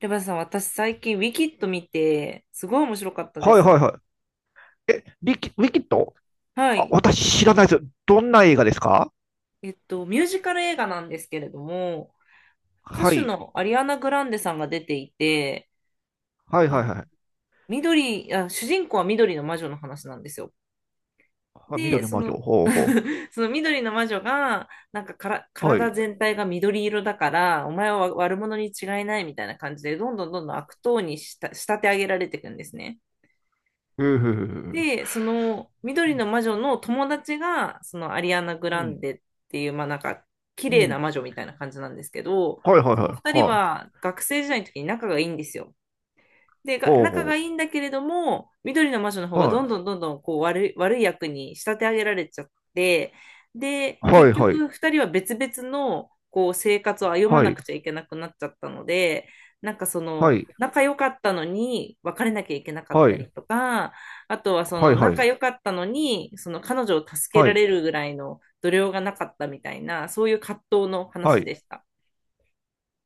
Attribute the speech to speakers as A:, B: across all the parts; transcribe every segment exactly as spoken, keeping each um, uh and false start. A: レバさん、私最近、ウィキッド見て、すごい面白かったで
B: はいはい
A: す。
B: はい。え、リキ、ウィキッド、
A: は
B: あ、
A: い。
B: 私知らないです。どんな映画ですか？
A: えっと、ミュージカル映画なんですけれども、歌
B: は
A: 手
B: い。
A: のアリアナ・グランデさんが出ていて、
B: はいは
A: あ
B: いはい。
A: 緑、あ、主人公は緑の魔女の話なんですよ。
B: はい、
A: で、
B: 緑の
A: そ
B: 魔女。
A: の、
B: ほうほ
A: その緑の魔女が、なんかから
B: う。はい。
A: 体
B: へ
A: 全体が緑色だから、お前は悪者に違いないみたいな感じで、どんどんどんどん悪党にした仕立て上げられていくんですね。
B: えへえへえ。
A: で、その緑の魔女の友達が、そのアリアナ・グ
B: う
A: ラン
B: ん。
A: デっていう、まあなんか、綺
B: う
A: 麗な
B: ん。
A: 魔女みたいな感じなんですけど、
B: はいはい
A: そ
B: は
A: の二
B: い。
A: 人
B: はい。
A: は学生時代の時に仲がいいんですよ。で、が
B: ほう
A: 仲が
B: ほ
A: いいんだけれども、緑の魔女の方
B: う。
A: がどん
B: は
A: どんどんどんこう悪い、悪い役に仕立て上げられちゃって、で、
B: い。は
A: 結
B: いはい。
A: 局二人は別々のこう生活を歩ま
B: は
A: な
B: い。
A: くちゃいけなくなっちゃったので、なんかそ
B: は
A: の
B: い。
A: 仲良かったのに別れなきゃいけなかっ
B: は
A: た
B: い。
A: りとか、あとはそ
B: はい
A: の
B: は
A: 仲
B: い。
A: 良かったのにその彼女を助け
B: は
A: ら
B: い。
A: れるぐらいの度量がなかったみたいな、そういう葛藤の
B: は
A: 話で
B: い。
A: した。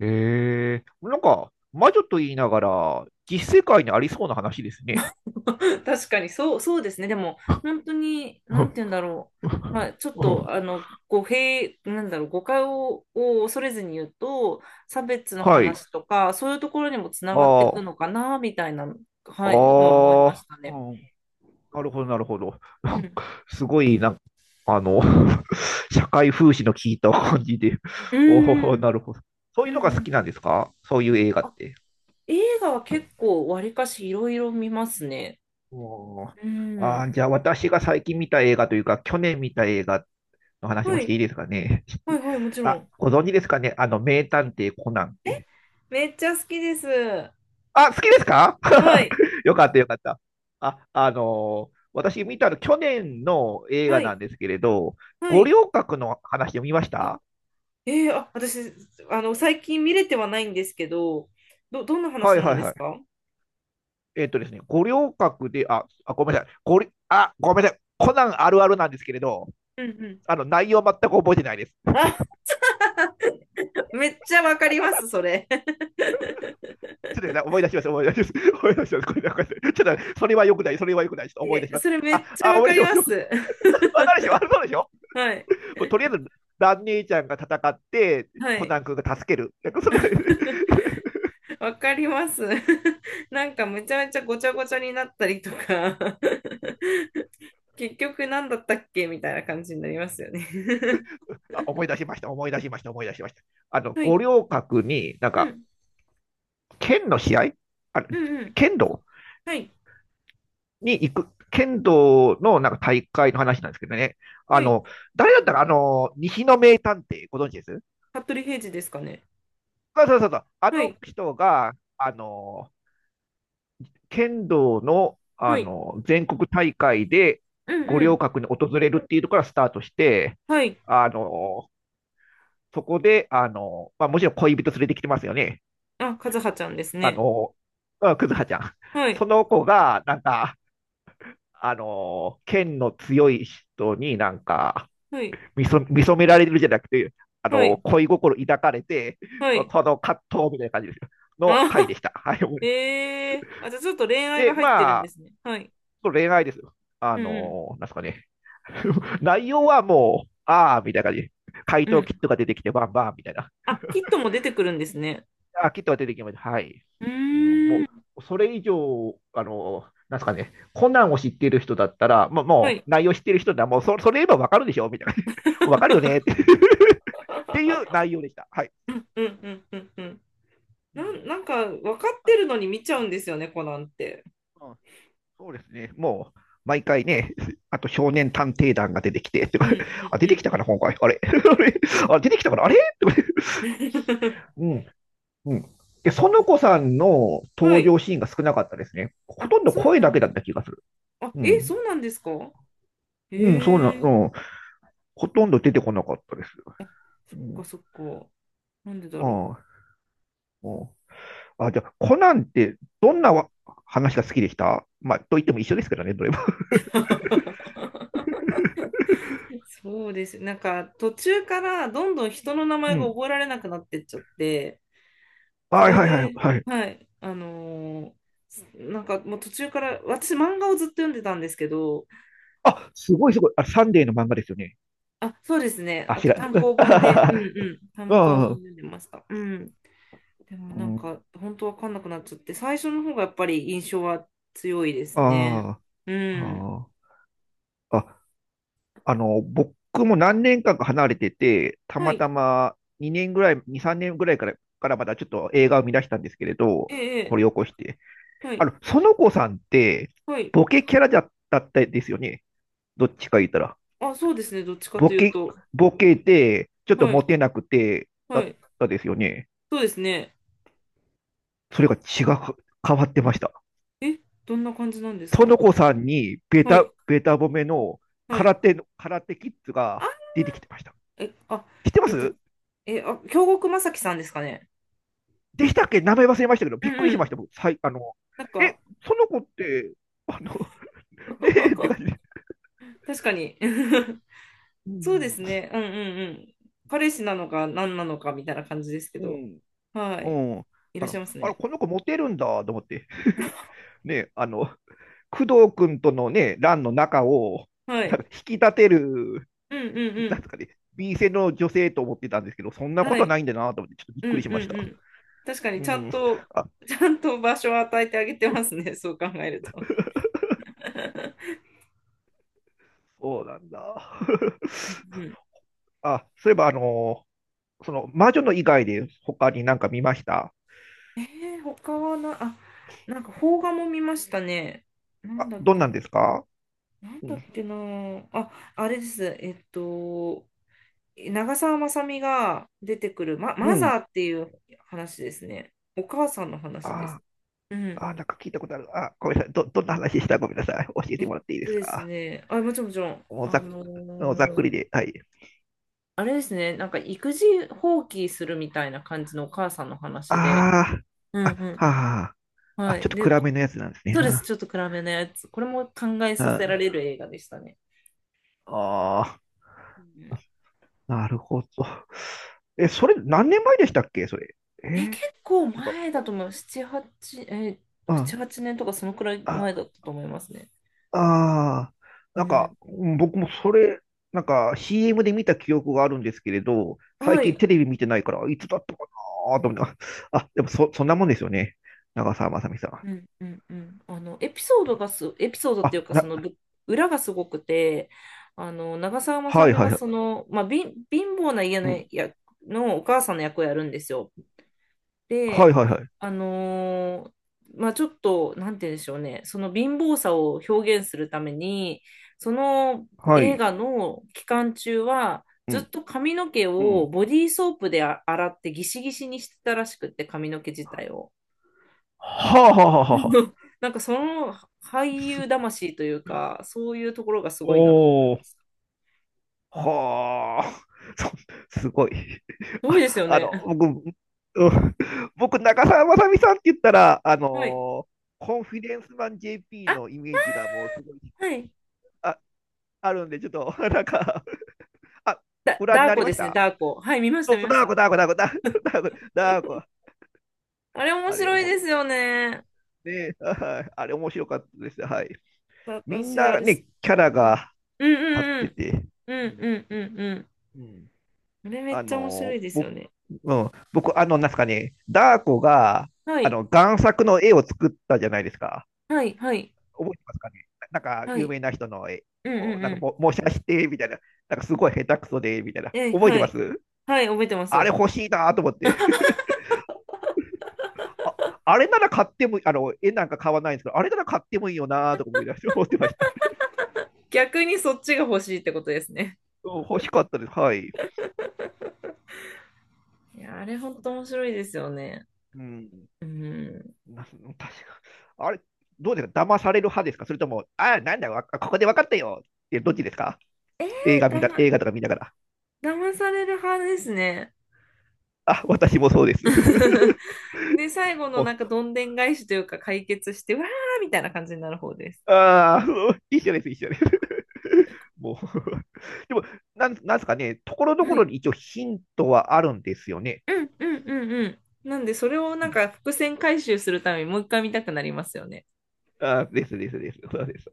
B: えー、なんか、魔女と言いながら、実世界にありそうな話ですね。
A: 確かに、そう、そうですね。でも、本当に、なんて 言うんだろう。まあ、ちょっと、あの、語弊、なんだろう、誤解を、を恐れずに言うと、差別の
B: はい。
A: 話とか、そういうところにもつながってい
B: あ
A: くのかな、みたいな、はい、のは思いま
B: あ、あ
A: した
B: あ、
A: ね。
B: うん。なるほど、なるほど。
A: う
B: なん
A: ん。
B: かすごい、なんあの、社会風刺の効いた感じで、
A: う
B: お
A: ん
B: お、
A: うん。
B: なるほど。そう
A: う
B: いうのが
A: ん
B: 好
A: う
B: き
A: ん。
B: なんですか？そういう映画っ
A: あ、
B: て。
A: 映画は結構、わりかしいろいろ見ますね。
B: おー、
A: う
B: あ
A: ん。
B: ー、じゃあ私が最近見た映画というか、去年見た映画の話も
A: は
B: して
A: い。
B: いいですかね？
A: はいはい、もち ろ
B: あ、
A: ん。
B: ご存知ですかね、あの、名探偵コナンって。
A: めっちゃ好きです。は
B: あ、好きですか？
A: い。
B: よかった、よかった。あ、あのー私見たの去年の映画
A: は
B: な
A: い。
B: んですけれど、
A: は
B: 五
A: い。
B: 稜郭の話を見ました。
A: えー、あ、私、あの、最近見れてはないんですけど、ど、どんな
B: は
A: 話
B: い
A: なん
B: はい
A: で
B: は
A: す
B: い。
A: か？
B: えっとですね、五稜郭で、あ、あ、ごめんなさい。ごり、あ、ごめんなさい。コナンあるあるなんですけれど、
A: うんうん。
B: あの、内容全く覚えてないです。
A: あ、めっちゃわかります、それ。
B: ちょっと思い出します、思い出します。思い出します。これだ、これだ。ちょっと、それは良くない、それは良くない。ちょっと 思い出
A: え、
B: します。
A: それめ
B: あ、
A: っちゃ
B: あ、
A: わ
B: 思い
A: か
B: 出し
A: り
B: ま
A: ま
B: す。
A: す。
B: わかるでしょ、あるそうでしょ。
A: はい。
B: もうとりあえず、蘭姉ちゃんが戦って、
A: は
B: コナ
A: い。
B: ン君が助ける。なんかそれ。
A: わかります。なんかめちゃめちゃごちゃごちゃになったりとか 結局何だったっけみたいな感じになりますよね。
B: あ、思い出しました、思い出しました、思い出しました。あの、
A: は
B: 五
A: い。
B: 稜郭に、なん
A: う
B: か、
A: ん。
B: 剣の試合、あの、
A: うんうん。
B: 剣道
A: はい。
B: に行く、剣道のなんか大会の話なんですけどね。あ
A: はい。
B: の、誰だったか、あの、西の名探偵、ご存知です？
A: 服部平次ですかね。
B: そうそうそうそう。あ
A: は
B: の
A: い。
B: 人が、あの、剣道の、あ
A: はい。
B: の、全国大会で
A: うん
B: 五
A: う
B: 稜
A: ん。
B: 郭に訪れるっていうところからスタートして、
A: はい。
B: あの、そこで、あの、まあ、もちろん恋人連れてきてますよね。
A: あ、和葉ちゃんです
B: あ
A: ね。
B: の、クくずはちゃん。
A: はい。
B: その子が、なんか、あの、剣の強い人になんか、
A: はい。
B: 見そ見初められるじゃなくて、あ
A: は
B: の
A: い。
B: 恋心抱かれて、
A: は
B: その
A: い。
B: 葛藤みたいな感じですよ
A: あ、
B: の回で した。はい、
A: ええあ、じゃあちょっと恋愛が
B: で、
A: 入ってるん
B: ま
A: で
B: あ、
A: すね。はい。
B: その恋愛ですよ。あ
A: うん
B: のーなんですかね。内容はもう、ああ、みたいな感じ。回
A: うん。う
B: 答キッ
A: ん。
B: トが出てきて、バンバンみたいな。
A: あ、キットも出てくるんですね。
B: あ、キットが出てきました。はい。
A: う
B: うん、
A: ー
B: も
A: ん。
B: う、それ以上、あのーなんですかね、コナンを知っている人だったら、もう、
A: は
B: も
A: い。
B: う内容知っている人なら、もうそ、それ言えばわかるでしょみたいな。わかるよねって。 っ ていう内容でした。はい。
A: うんうんうんうんうん。なん、なんか分かってるのに見ちゃうんですよね、コナンって。
B: うん、そうですね。もう、毎回ね、あと少年探偵団が出てきて、と
A: う
B: か、
A: んうん
B: あ、
A: う
B: 出
A: んう
B: てきたかな、
A: ん。
B: 今回。あれ。 あれ、あ、出てきたかな、あれとか。 うん、うん。で、園子さんの
A: は
B: 登
A: い。
B: 場シーンが少なかったですね。ほ
A: あ、
B: とんど
A: そう
B: 声
A: な
B: だ
A: ん
B: け
A: で
B: だっ
A: す。
B: た気がする。
A: あ、
B: う
A: え、
B: ん。
A: そうなんですか？
B: うん、そうな、
A: へ
B: う
A: え、
B: ん。ほとんど出てこなかったです。う
A: そっ
B: ん。
A: かそっか。なんでだ
B: あ
A: ろう。
B: あ、うん、あ、じゃあ、コナンってどんなわ話が好きでした？まあ、と言っても一緒ですけどね、どれも。
A: そうです。なんか途中からどんどん人の名
B: う
A: 前が
B: ん。
A: 覚えられなくなってっちゃって、そ
B: はい
A: れ
B: はいはい、
A: で、
B: はい。
A: はい、あのーなんかもう途中から、私漫画をずっと読んでたんですけど、
B: あ、すごいすごい。あ、サンデーの漫画ですよね。
A: あ、そうですね。
B: あ、
A: あ
B: ひ
A: と
B: らん、
A: 単行 本で、う
B: あ
A: んうん、単行本
B: あ、
A: 読んでました。うん。でも
B: う
A: なん
B: ん、
A: か本当わかんなくなっちゃって、最初の方がやっぱり印象は強いですね。
B: あ
A: う
B: あ、
A: ん。
B: ああ、ああの、僕も何年間か離れてて、た
A: は
B: また
A: い。
B: まにねんぐらい、に、さんねんぐらいから、からまだちょっと映画を見出したんですけれ
A: え
B: ど、
A: え、
B: 掘
A: え
B: り起
A: え
B: こして。
A: は
B: あ
A: い。
B: の、園子さんって、
A: はい。
B: ボケキャラだったですよね。どっちか言ったら。
A: あ、そうですね。どっちか
B: ボ
A: という
B: ケ、
A: と。
B: ボケで、ちょっと
A: はい。
B: モテなくて、
A: は
B: だっ
A: い。
B: たですよね。
A: そうですね。
B: それが違う、変わってました。
A: え、どんな感じなんですか？
B: 園子さんにベ
A: は
B: タ、
A: い、
B: ベタ褒めの、
A: は
B: 空
A: い。
B: 手の、空手キッズが
A: あ、
B: 出てきてました。
A: え、あ、
B: 知ってま
A: えっと、
B: す？
A: え、あ、京極正樹さんですかね。
B: でしたっけ、名前忘れましたけど、
A: う
B: びっ
A: ん
B: くり
A: う
B: しまし
A: ん。
B: た、僕。さい、あの、
A: なんか、
B: え、園子って、あの、ねえって感 じで。
A: 確かに。
B: う
A: そうで
B: ん、
A: すね。うんうんうん。彼氏なのか何なのかみたいな感じですけ
B: う
A: ど。
B: ん、
A: はい。
B: うん。
A: いら
B: あ
A: っしゃ
B: の、
A: います
B: あれ、
A: ね。
B: この子モテるんだと思って、ね、あの、工藤君とのね、欄の中を、
A: は
B: なん
A: い。
B: か引き立てる、
A: うんうんう
B: なんで
A: ん。
B: すかね、B 線の女性と思ってたんですけど、そんなこ
A: は
B: と
A: い。
B: ないんだなと思って、ちょっとびっ
A: うん
B: くりし
A: う
B: まし
A: ん
B: た。
A: うん。確かに
B: う
A: ちゃん
B: ん。あ、
A: と、ちゃんと場所を与えてあげてますね。そう考えると。
B: そうなんだ。
A: うんうん
B: あ、そういえば、あのーその、魔女の以外で他になんか見ました？
A: えー、他はな、あ、なんか邦画も見ましたね。なん
B: あ、
A: だっ
B: どん
A: け
B: なん
A: な。
B: ですか？
A: なん
B: う
A: だっ
B: ん。
A: けな。あ、あれです。えっと、長澤まさみが出てくる、ま、
B: う
A: マ
B: ん、
A: ザーっていう話ですね。お母さんの話です。
B: あ
A: うん。
B: あ、なんか聞いたことある。あ、ごめんなさい。ど、どんな話でした？ごめんなさい。教え
A: え
B: て
A: っ
B: もらっていいで
A: と
B: す
A: です
B: か？
A: ね。あ、もちろんもちろん。
B: もうざ
A: あ
B: っ、
A: の
B: もうざっくり
A: ー
B: で。はい。
A: あれですね。なんか育児放棄するみたいな感じのお母さんの話で。
B: あ
A: う
B: あ、
A: んう
B: あ、
A: ん
B: は
A: うん。
B: あ、
A: は
B: あ、ち
A: い。
B: ょっと
A: で、
B: 暗めのやつなんですね。
A: そうです。
B: は
A: ちょっと暗めのやつ。これも考えさせら
B: あ、
A: れる映画でしたね。
B: ああ、
A: うん
B: なるほど。え、それ何年前でしたっけ、それ。え
A: え、
B: ー、
A: 結構
B: なんか、
A: 前だと思う。なな、はち、え、
B: う
A: なな、
B: ん。
A: はちねんとかそのくらい前だ
B: あ、
A: ったと思いますね。
B: ああ、
A: う
B: なんか、
A: ん
B: うん、僕もそれ、なんか シーエム で見た記憶があるんですけれど、最
A: は
B: 近
A: い。
B: テレビ見てないから、いつだったかなと思って、あ、あでもそ、そんなもんですよね。長澤まさみさん。
A: うんうんうんあの、エピソードがす、エピソードってい
B: あ、
A: うか、そ
B: な、
A: のぶ裏がすごくて、あの、長澤まさ
B: はい
A: み
B: は
A: が
B: いはい。
A: その、まあ、貧貧乏な家の
B: うん。
A: やのお母さんの役をやるんですよ。
B: はい
A: で、
B: はいはい。
A: あのーまあ、ちょっと、なんて言うんでしょうね、その貧乏さを表現するために、その
B: は
A: 映
B: い。
A: 画の期間中は、
B: う
A: ずっ
B: ん。
A: と髪の毛
B: う
A: を
B: ん。
A: ボディーソープであ洗ってギシギシにしてたらしくって、髪の毛自体を。
B: はあはあはあはあ。
A: なんかその俳優魂というか、そういうところがすごいなと思いま
B: お
A: す。
B: ー。
A: す
B: はあ、そすごい。
A: ごいです
B: あ、
A: よ
B: あの、
A: ね。
B: 僕、うん、僕、長澤まさみさんって言ったら、あの
A: はい。
B: ーコンフィデンスマン ジェーピー
A: あ、
B: のイメージがもうすごい、
A: はい。
B: あ、あるんで、ちょっと、なんか、あ、
A: だ、
B: ご覧
A: ダ
B: に
A: ー
B: なり
A: コ
B: ま
A: で
B: し
A: すね、
B: た？
A: ダーコ。はい、見まし
B: そ
A: た、
B: う
A: 見
B: そう、
A: まし
B: ダー子、
A: た。
B: ダー子、ダー子、ダー子、ダー子、
A: あれ面
B: あれ、
A: 白い
B: 重い。
A: ですよね。
B: ね、はい、あれ、面白かったです。はい。みん
A: 私、あ
B: な
A: れ、
B: ね、キャラ
A: うん、
B: が
A: う
B: 立っ
A: んう
B: て
A: ん
B: て、
A: う
B: う
A: ん
B: ん、
A: うんうんうんうん。
B: うん
A: あれめ
B: あ
A: っちゃ面白
B: の、
A: いです
B: 僕、
A: よね。
B: うん、僕、あの、なんすかね、ダー子が、
A: は
B: あ
A: い
B: の、贋作の絵を作ったじゃないですか。
A: はいはい
B: 覚えてますかね。ななんか、
A: は
B: 有
A: い。
B: 名な人の絵
A: うんう
B: を、
A: ん
B: なん
A: う
B: か
A: ん。
B: も、模写して、みたいな。なんか、すごい下手くそで、みたいな。
A: え、
B: 覚えて
A: は
B: ま
A: い。
B: す？
A: はい、覚えてま
B: あれ
A: す。
B: 欲しいなと思って。あ、あれなら買っても、あの、絵なんか買わないんですけど、あれなら買ってもいいよなとか思い出して、思ってました。う
A: 逆にそっちが欲しいってことですね。
B: ん、欲しかったです。はい。
A: いや、あれほんと面白いですよね。
B: うん。
A: うん。
B: な確か。あれ、どうですか、騙される派ですか？それとも、あ、なんだよ、わここで分かったよって、どっちですか？
A: え
B: 映画
A: ー、
B: 見
A: だ
B: な、
A: ま、
B: 映画とか見ながら。
A: 騙される派ですね。
B: あ、私もそうです。
A: で、最後の
B: も
A: なんかどんでん返しというか解決して、わーみたいな感じになる方です。
B: う、ああ、一緒です、一緒です。もう、でも、なん、なんですかね、ところど
A: は
B: ころ
A: い
B: に一応ヒントはあるんですよね。
A: うんうんうんうん。なんで、それを
B: う
A: なん
B: ん、
A: か伏線回収するためにもう一回見たくなりますよね。
B: あーですですです。そうです。